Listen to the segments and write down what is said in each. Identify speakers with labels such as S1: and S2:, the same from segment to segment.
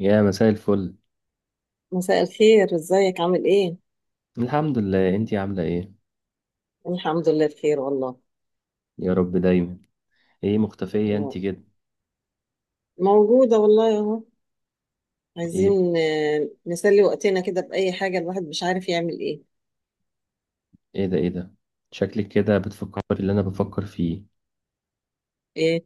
S1: يا مساء الفل.
S2: مساء الخير، ازيك عامل ايه؟
S1: الحمد لله، انتي عاملة ايه؟
S2: الحمد لله، بخير والله.
S1: يا رب دايما. ايه مختفية انتي كده؟
S2: موجودة والله اهو.
S1: ايه؟
S2: عايزين نسلي وقتنا كده بأي حاجة، الواحد مش عارف يعمل ايه.
S1: ايه ده؟ ايه ده؟ شكلك كده بتفكر اللي انا بفكر فيه.
S2: ايه.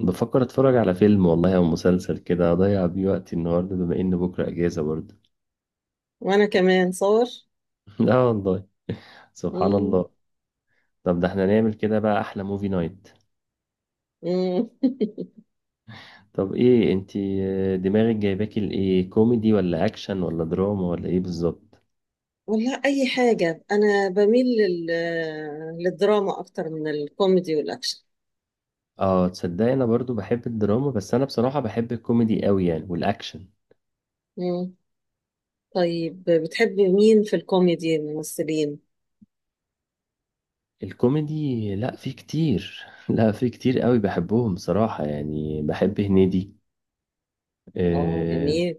S1: بفكر اتفرج على فيلم والله، او مسلسل كده اضيع بيه وقتي النهاردة، بما ان بكرة اجازة برضه.
S2: وانا كمان صور.
S1: لا والله. سبحان
S2: مم.
S1: الله. طب ده احنا نعمل كده بقى احلى موفي نايت.
S2: مم.
S1: طب ايه انتي، دماغك جايباكي لايه، كوميدي ولا اكشن ولا دراما ولا ايه بالظبط؟
S2: والله اي حاجة. انا بميل لل... آه، للدراما اكتر من الكوميدي والاكشن.
S1: اه، تصدقي انا برضو بحب الدراما، بس انا بصراحة بحب الكوميدي قوي يعني والاكشن.
S2: مم. طيب بتحب مين في الكوميدي الممثلين؟
S1: الكوميدي، لا في كتير، لا في كتير قوي بحبهم بصراحة، يعني بحب هنيدي.
S2: اه،
S1: اه.
S2: جميل.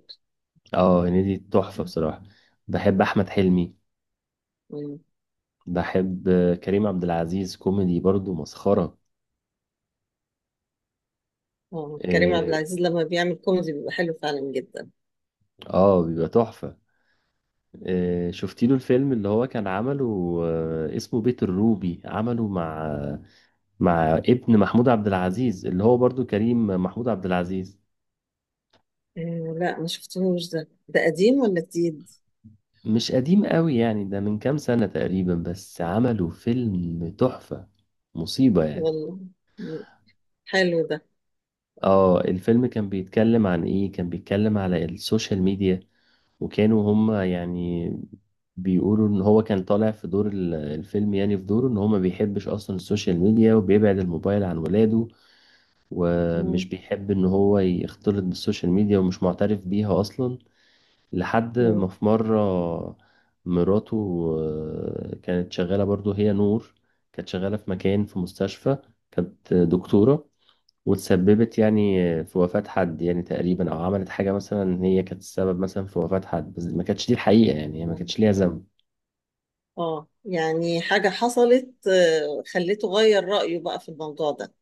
S1: هنيدي تحفة بصراحة. بحب أحمد حلمي.
S2: مم.
S1: بحب كريم عبد العزيز كوميدي برضو مسخرة.
S2: اه، كريم عبد
S1: اه.
S2: العزيز لما بيعمل كوميدي بيبقى حلو فعلا جدا.
S1: بيبقى تحفة. شفتي له الفيلم اللي هو كان عمله، اسمه بيت الروبي، عمله مع ابن محمود عبد العزيز، اللي هو برضو كريم محمود عبد العزيز.
S2: آه لا، ما شفتهوش. ده قديم ولا جديد؟
S1: مش قديم قوي يعني، ده من كام سنة تقريبا، بس عملوا فيلم تحفة. مصيبة يعني.
S2: والله حلو ده.
S1: اه، الفيلم كان بيتكلم عن ايه، كان بيتكلم على السوشيال ميديا، وكانوا هما يعني بيقولوا ان هو كان طالع في دور الفيلم، يعني في دوره ان هو ما بيحبش اصلا السوشيال ميديا، وبيبعد الموبايل عن ولاده، ومش
S2: مم.
S1: بيحب ان هو يختلط بالسوشيال ميديا، ومش معترف بيها اصلا. لحد ما
S2: مم.
S1: في مرة مراته كانت شغالة برضو، هي نور، كانت شغالة في مكان في مستشفى، كانت دكتورة، وتسببت يعني في وفاة حد يعني تقريبا، أو عملت حاجة مثلا إن هي كانت السبب مثلا في وفاة حد، بس ما كانتش دي الحقيقة يعني، هي ما
S2: مم.
S1: كانتش ليها ذنب.
S2: اه، يعني حاجة حصلت خليته غير رأيه بقى في الموضوع ده.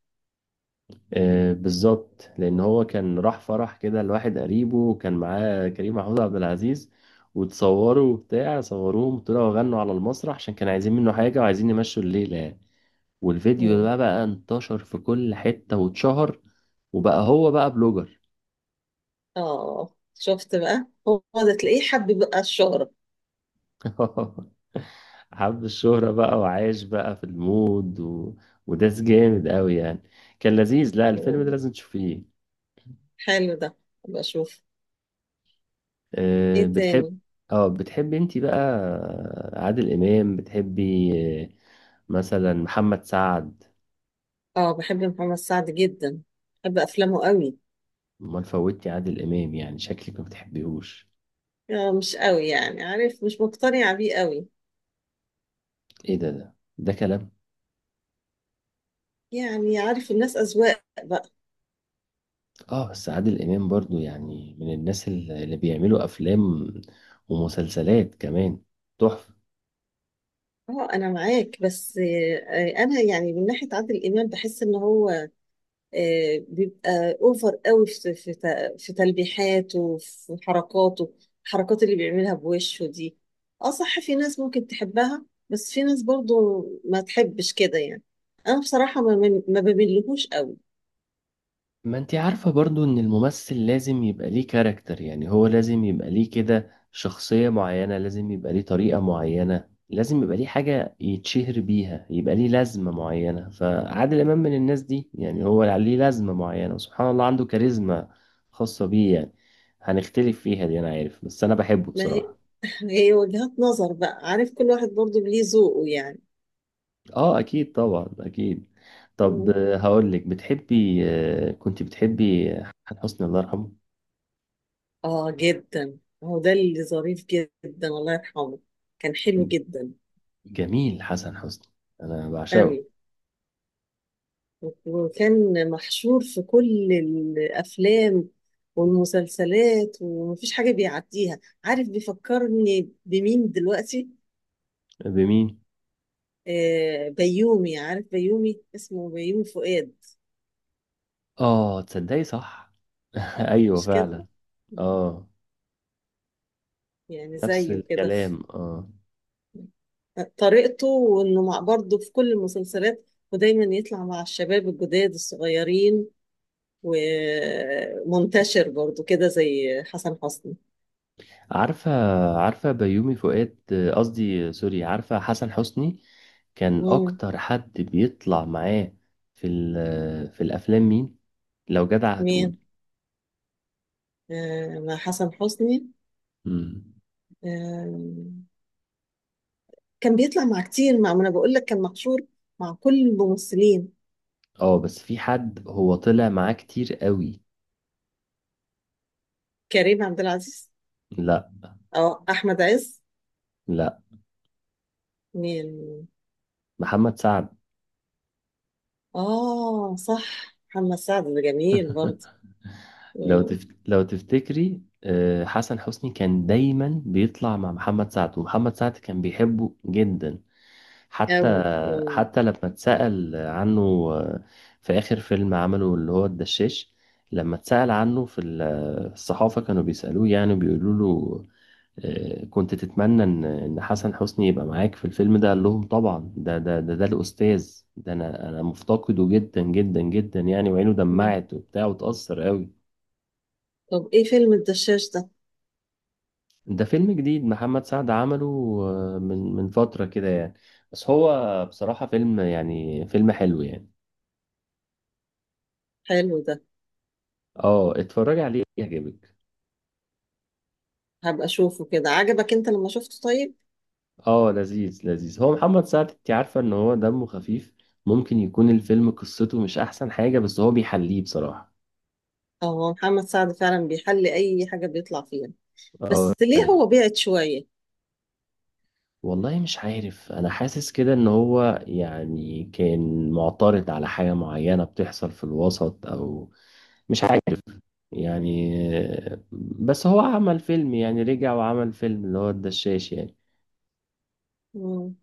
S1: بالظبط، لأن هو كان راح فرح كده لواحد قريبه، وكان معاه كريم محمود عبد العزيز، وتصوروا وبتاع، صوروهم طلعوا غنوا على المسرح عشان كانوا عايزين منه حاجة وعايزين يمشوا الليلة يعني. والفيديو ده
S2: مم.
S1: بقى انتشر في كل حتة واتشهر، وبقى هو بقى بلوجر.
S2: اه شفت؟ بقى هو ده، تلاقيه حب بقى الشهرة.
S1: حب الشهرة بقى، وعايش بقى في المود وداس جامد قوي يعني. كان لذيذ، لا الفيلم ده
S2: مم.
S1: لازم تشوفيه.
S2: حلو ده. ابقى اشوف.
S1: أه
S2: ايه تاني؟
S1: بتحبي انتي بقى، عادل امام بتحبي؟ آه، مثلا محمد سعد.
S2: اه، بحب محمد سعد جدا. بحب افلامه قوي.
S1: امال فوتي عادل امام يعني، شكلك ما بتحبيهوش.
S2: آه، مش قوي يعني، عارف، مش مقتنعة بيه قوي.
S1: ايه ده كلام؟
S2: يعني عارف، الناس أذواق بقى.
S1: اه بس عادل امام برضو يعني من الناس اللي بيعملوا افلام ومسلسلات كمان، تحفه.
S2: اه انا معاك بس. انا يعني من ناحيه عادل امام بحس ان هو بيبقى اوفر قوي في تلبيحاته وفي حركاته. الحركات اللي بيعملها بوشه دي. اه صح، في ناس ممكن تحبها بس في ناس برضو ما تحبش كده يعني. انا بصراحه ما بملهوش قوي.
S1: ما انتي عارفه برضو ان الممثل لازم يبقى ليه كاركتر، يعني هو لازم يبقى ليه كده شخصيه معينه، لازم يبقى ليه طريقه معينه، لازم يبقى ليه حاجه يتشهر بيها، يبقى ليه لازمه معينه، فعادل امام من الناس دي يعني، هو ليه لازمه معينه، وسبحان الله عنده كاريزما خاصه بيه يعني. هنختلف فيها دي، انا عارف، بس انا بحبه
S2: ما هي.
S1: بصراحه.
S2: هي وجهات نظر بقى، عارف، كل واحد برضو ليه ذوقه يعني.
S1: اه اكيد، طبعا اكيد. طب،
S2: مم.
S1: هقول لك، بتحبي آه، كنت بتحبي حسن حسني الله يرحمه؟
S2: اه، جدا. هو ده اللي ظريف جدا، الله يرحمه. كان حلو جدا.
S1: جميل حسن حسني، انا بعشقه.
S2: أوي. وكان محشور في كل الأفلام والمسلسلات، ومفيش حاجة بيعديها. عارف بيفكرني بمين دلوقتي؟
S1: بمين؟
S2: بيومي. عارف بيومي؟ اسمه بيومي فؤاد.
S1: اه تصدقي، صح. ايوه
S2: مش كده؟
S1: فعلا. اه،
S2: يعني
S1: نفس
S2: زيه كده في
S1: الكلام اه.
S2: طريقته، وإنه مع برضه في كل المسلسلات. ودايما يطلع مع الشباب الجداد الصغيرين. ومنتشر برضه كده زي حسن حسني.
S1: عارفه، بيومي فؤاد، قصدي، سوري، عارفه حسن حسني كان
S2: مم.
S1: اكتر حد بيطلع معاه في الافلام، مين؟ لو جدع
S2: مين؟
S1: هتقول.
S2: مع حسن حسني.
S1: مم.
S2: آه، كان بيطلع مع كتير. مع ما انا بقول لك، كان محشور مع كل الممثلين.
S1: اه بس في حد هو طلع معاه كتير قوي.
S2: كريم عبد العزيز؟
S1: لا،
S2: اه، احمد عز؟
S1: لا،
S2: مين؟
S1: محمد سعد.
S2: اه صح، محمد سعد ده جميل برضه. مم.
S1: لو تفتكري حسن حسني كان دايما بيطلع مع محمد سعد، ومحمد سعد كان بيحبه جدا. حتى
S2: أوي. مم.
S1: لما اتسأل عنه آه، في آخر فيلم عمله اللي هو الدشاش، لما اتسأل عنه الصحافة، كانوا بيسألوه يعني، بيقولوا له، كنت تتمنى ان حسن حسني يبقى معاك في الفيلم ده؟ قال لهم طبعا، ده الاستاذ، ده انا، مفتقده جدا جدا جدا يعني، وعينه
S2: مم.
S1: دمعت وبتاع، وتأثر قوي.
S2: طب ايه فيلم الدشاش ده؟
S1: ده فيلم جديد محمد سعد عمله من فترة كده يعني، بس هو بصراحة فيلم يعني فيلم حلو يعني.
S2: حلو ده.
S1: اه اتفرج عليه يعجبك.
S2: هبقى اشوفه كده. عجبك انت لما شفته؟ طيب.
S1: اه لذيذ لذيذ، هو محمد سعد انت عارفة ان هو دمه خفيف، ممكن يكون الفيلم قصته مش احسن حاجة، بس هو بيحليه بصراحة.
S2: اه، هو محمد سعد فعلا بيحل اي حاجة بيطلع فيها.
S1: اه
S2: بس ليه هو بعد شوية؟
S1: والله مش عارف، انا حاسس كده ان هو يعني كان معترض على حاجة معينة بتحصل في الوسط، او مش عارف يعني، بس هو عمل فيلم يعني، رجع وعمل فيلم اللي هو الدشاش يعني.
S2: مم.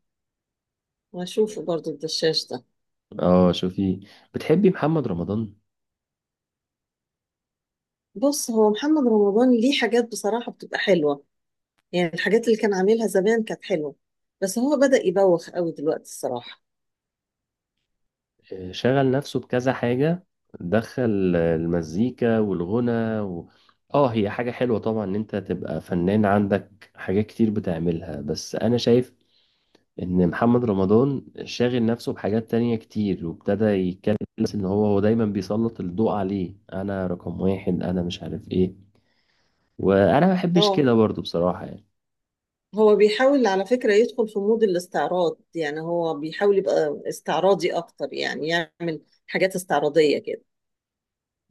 S2: واشوفه برضه الدشاش ده.
S1: اه شوفي، بتحبي محمد رمضان؟
S2: بص، هو محمد رمضان ليه حاجات بصراحة بتبقى حلوة. يعني الحاجات اللي كان عاملها زمان كانت حلوة. بس هو بدأ يبوخ قوي دلوقتي الصراحة.
S1: شغل نفسه بكذا حاجة، دخل المزيكا والغنى و... اه هي حاجة حلوة طبعا ان انت تبقى فنان عندك حاجات كتير بتعملها، بس انا شايف ان محمد رمضان شاغل نفسه بحاجات تانية كتير، وابتدى يتكلم، بس ان هو دايما بيسلط الضوء عليه، انا رقم واحد، انا مش عارف ايه، وانا ما بحبش كده
S2: اه،
S1: برضو بصراحة يعني.
S2: هو بيحاول على فكرة يدخل في مود الاستعراض. يعني هو بيحاول يبقى استعراضي أكتر، يعني يعمل حاجات استعراضية كده.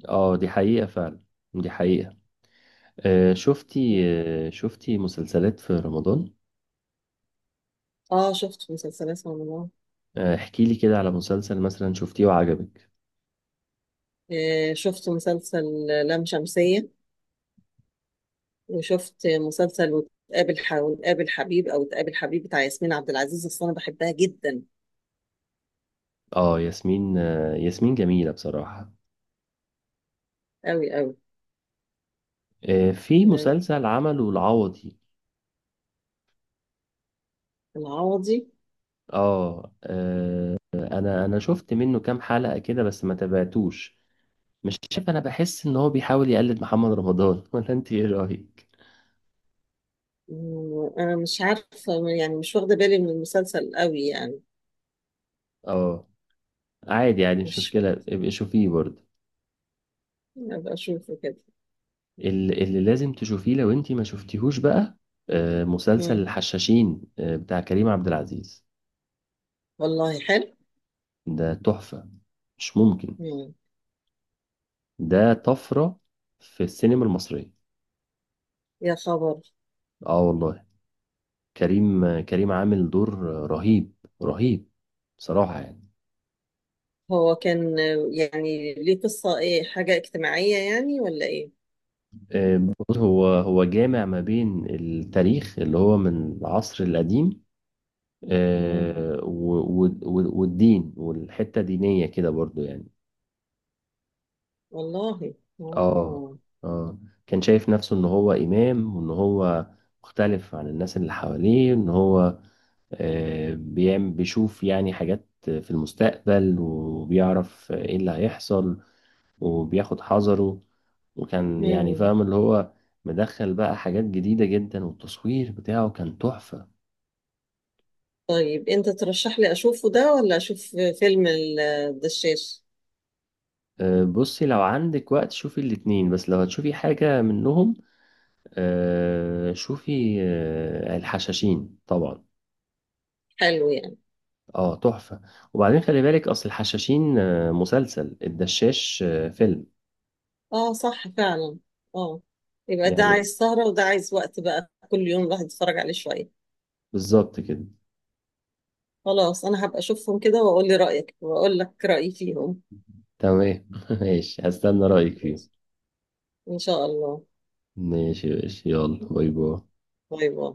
S1: اه دي حقيقة فعلا، دي حقيقة. آه شفتي شفتي مسلسلات في رمضان؟
S2: اه، شفت مسلسلات رمضان.
S1: احكي لي كده على مسلسل مثلا شفتيه وعجبك.
S2: آه، شفت مسلسل لام شمسية. وشفت مسلسل وتقابل حبيب، أو تقابل حبيب بتاع ياسمين عبد العزيز. أصل أنا بحبها جدا.
S1: ياسمين جميلة بصراحة.
S2: قوي.
S1: في
S2: قوي.
S1: مسلسل عمله العوضي.
S2: العوضي.
S1: اه، انا شفت منه كام حلقة كده بس ما تابعتوش. مش شايف، انا بحس ان هو بيحاول يقلد محمد رمضان. ولا انت ايه رأيك؟
S2: مم. انا مش عارفه. يعني مش واخده بالي من المسلسل قوي يعني.
S1: اه عادي يعني، مش
S2: مش.
S1: مشكلة، ابقي شوفيه برضه.
S2: ابقى اشوفه كده.
S1: اللي لازم تشوفيه لو انت ما شفتيهوش بقى، مسلسل
S2: مم.
S1: الحشاشين بتاع كريم عبد العزيز.
S2: والله حلو.
S1: ده تحفة، مش ممكن.
S2: مم.
S1: ده طفرة في السينما المصرية.
S2: يا خبر.
S1: اه والله. كريم عامل دور رهيب رهيب بصراحة يعني.
S2: هو كان يعني ليه قصه ايه؟ حاجه اجتماعيه يعني ولا ايه؟
S1: بص، هو جامع ما بين التاريخ اللي هو من العصر القديم،
S2: مم.
S1: والدين والحتة دينية كده برضو يعني.
S2: والله.
S1: اه
S2: اه.
S1: اه، كان شايف نفسه ان هو امام، وان هو مختلف عن الناس اللي حواليه، ان هو آه، بيعمل بيشوف يعني حاجات في المستقبل، وبيعرف ايه اللي هيحصل، وبياخد حذره، وكان يعني
S2: مم.
S1: فاهم اللي هو مدخل بقى حاجات جديدة جدا، والتصوير بتاعه كان تحفة.
S2: طيب انت ترشح لي اشوفه ده، ولا اشوف فيلم الدشاش؟
S1: بصي، لو عندك وقت شوفي الاتنين، بس لو هتشوفي حاجة منهم، شوفي الحشاشين طبعا.
S2: حلو يعني.
S1: اه تحفة. وبعدين خلي بالك، اصل الحشاشين مسلسل، الدشاش فيلم.
S2: اه، صح فعلا. اه. يبقى ده
S1: يعني
S2: عايز سهرة، وده عايز وقت بقى، كل يوم الواحد يتفرج عليه شوية.
S1: بالظبط كده.
S2: خلاص، انا هبقى اشوفهم كده واقول لي رأيك واقول لك رأيي فيهم.
S1: تمام. ماشي، هستنى رأيك
S2: ماشي.
S1: فيه.
S2: ان شاء الله.
S1: ماشي ماشي، يلا باي باي.
S2: باي باي.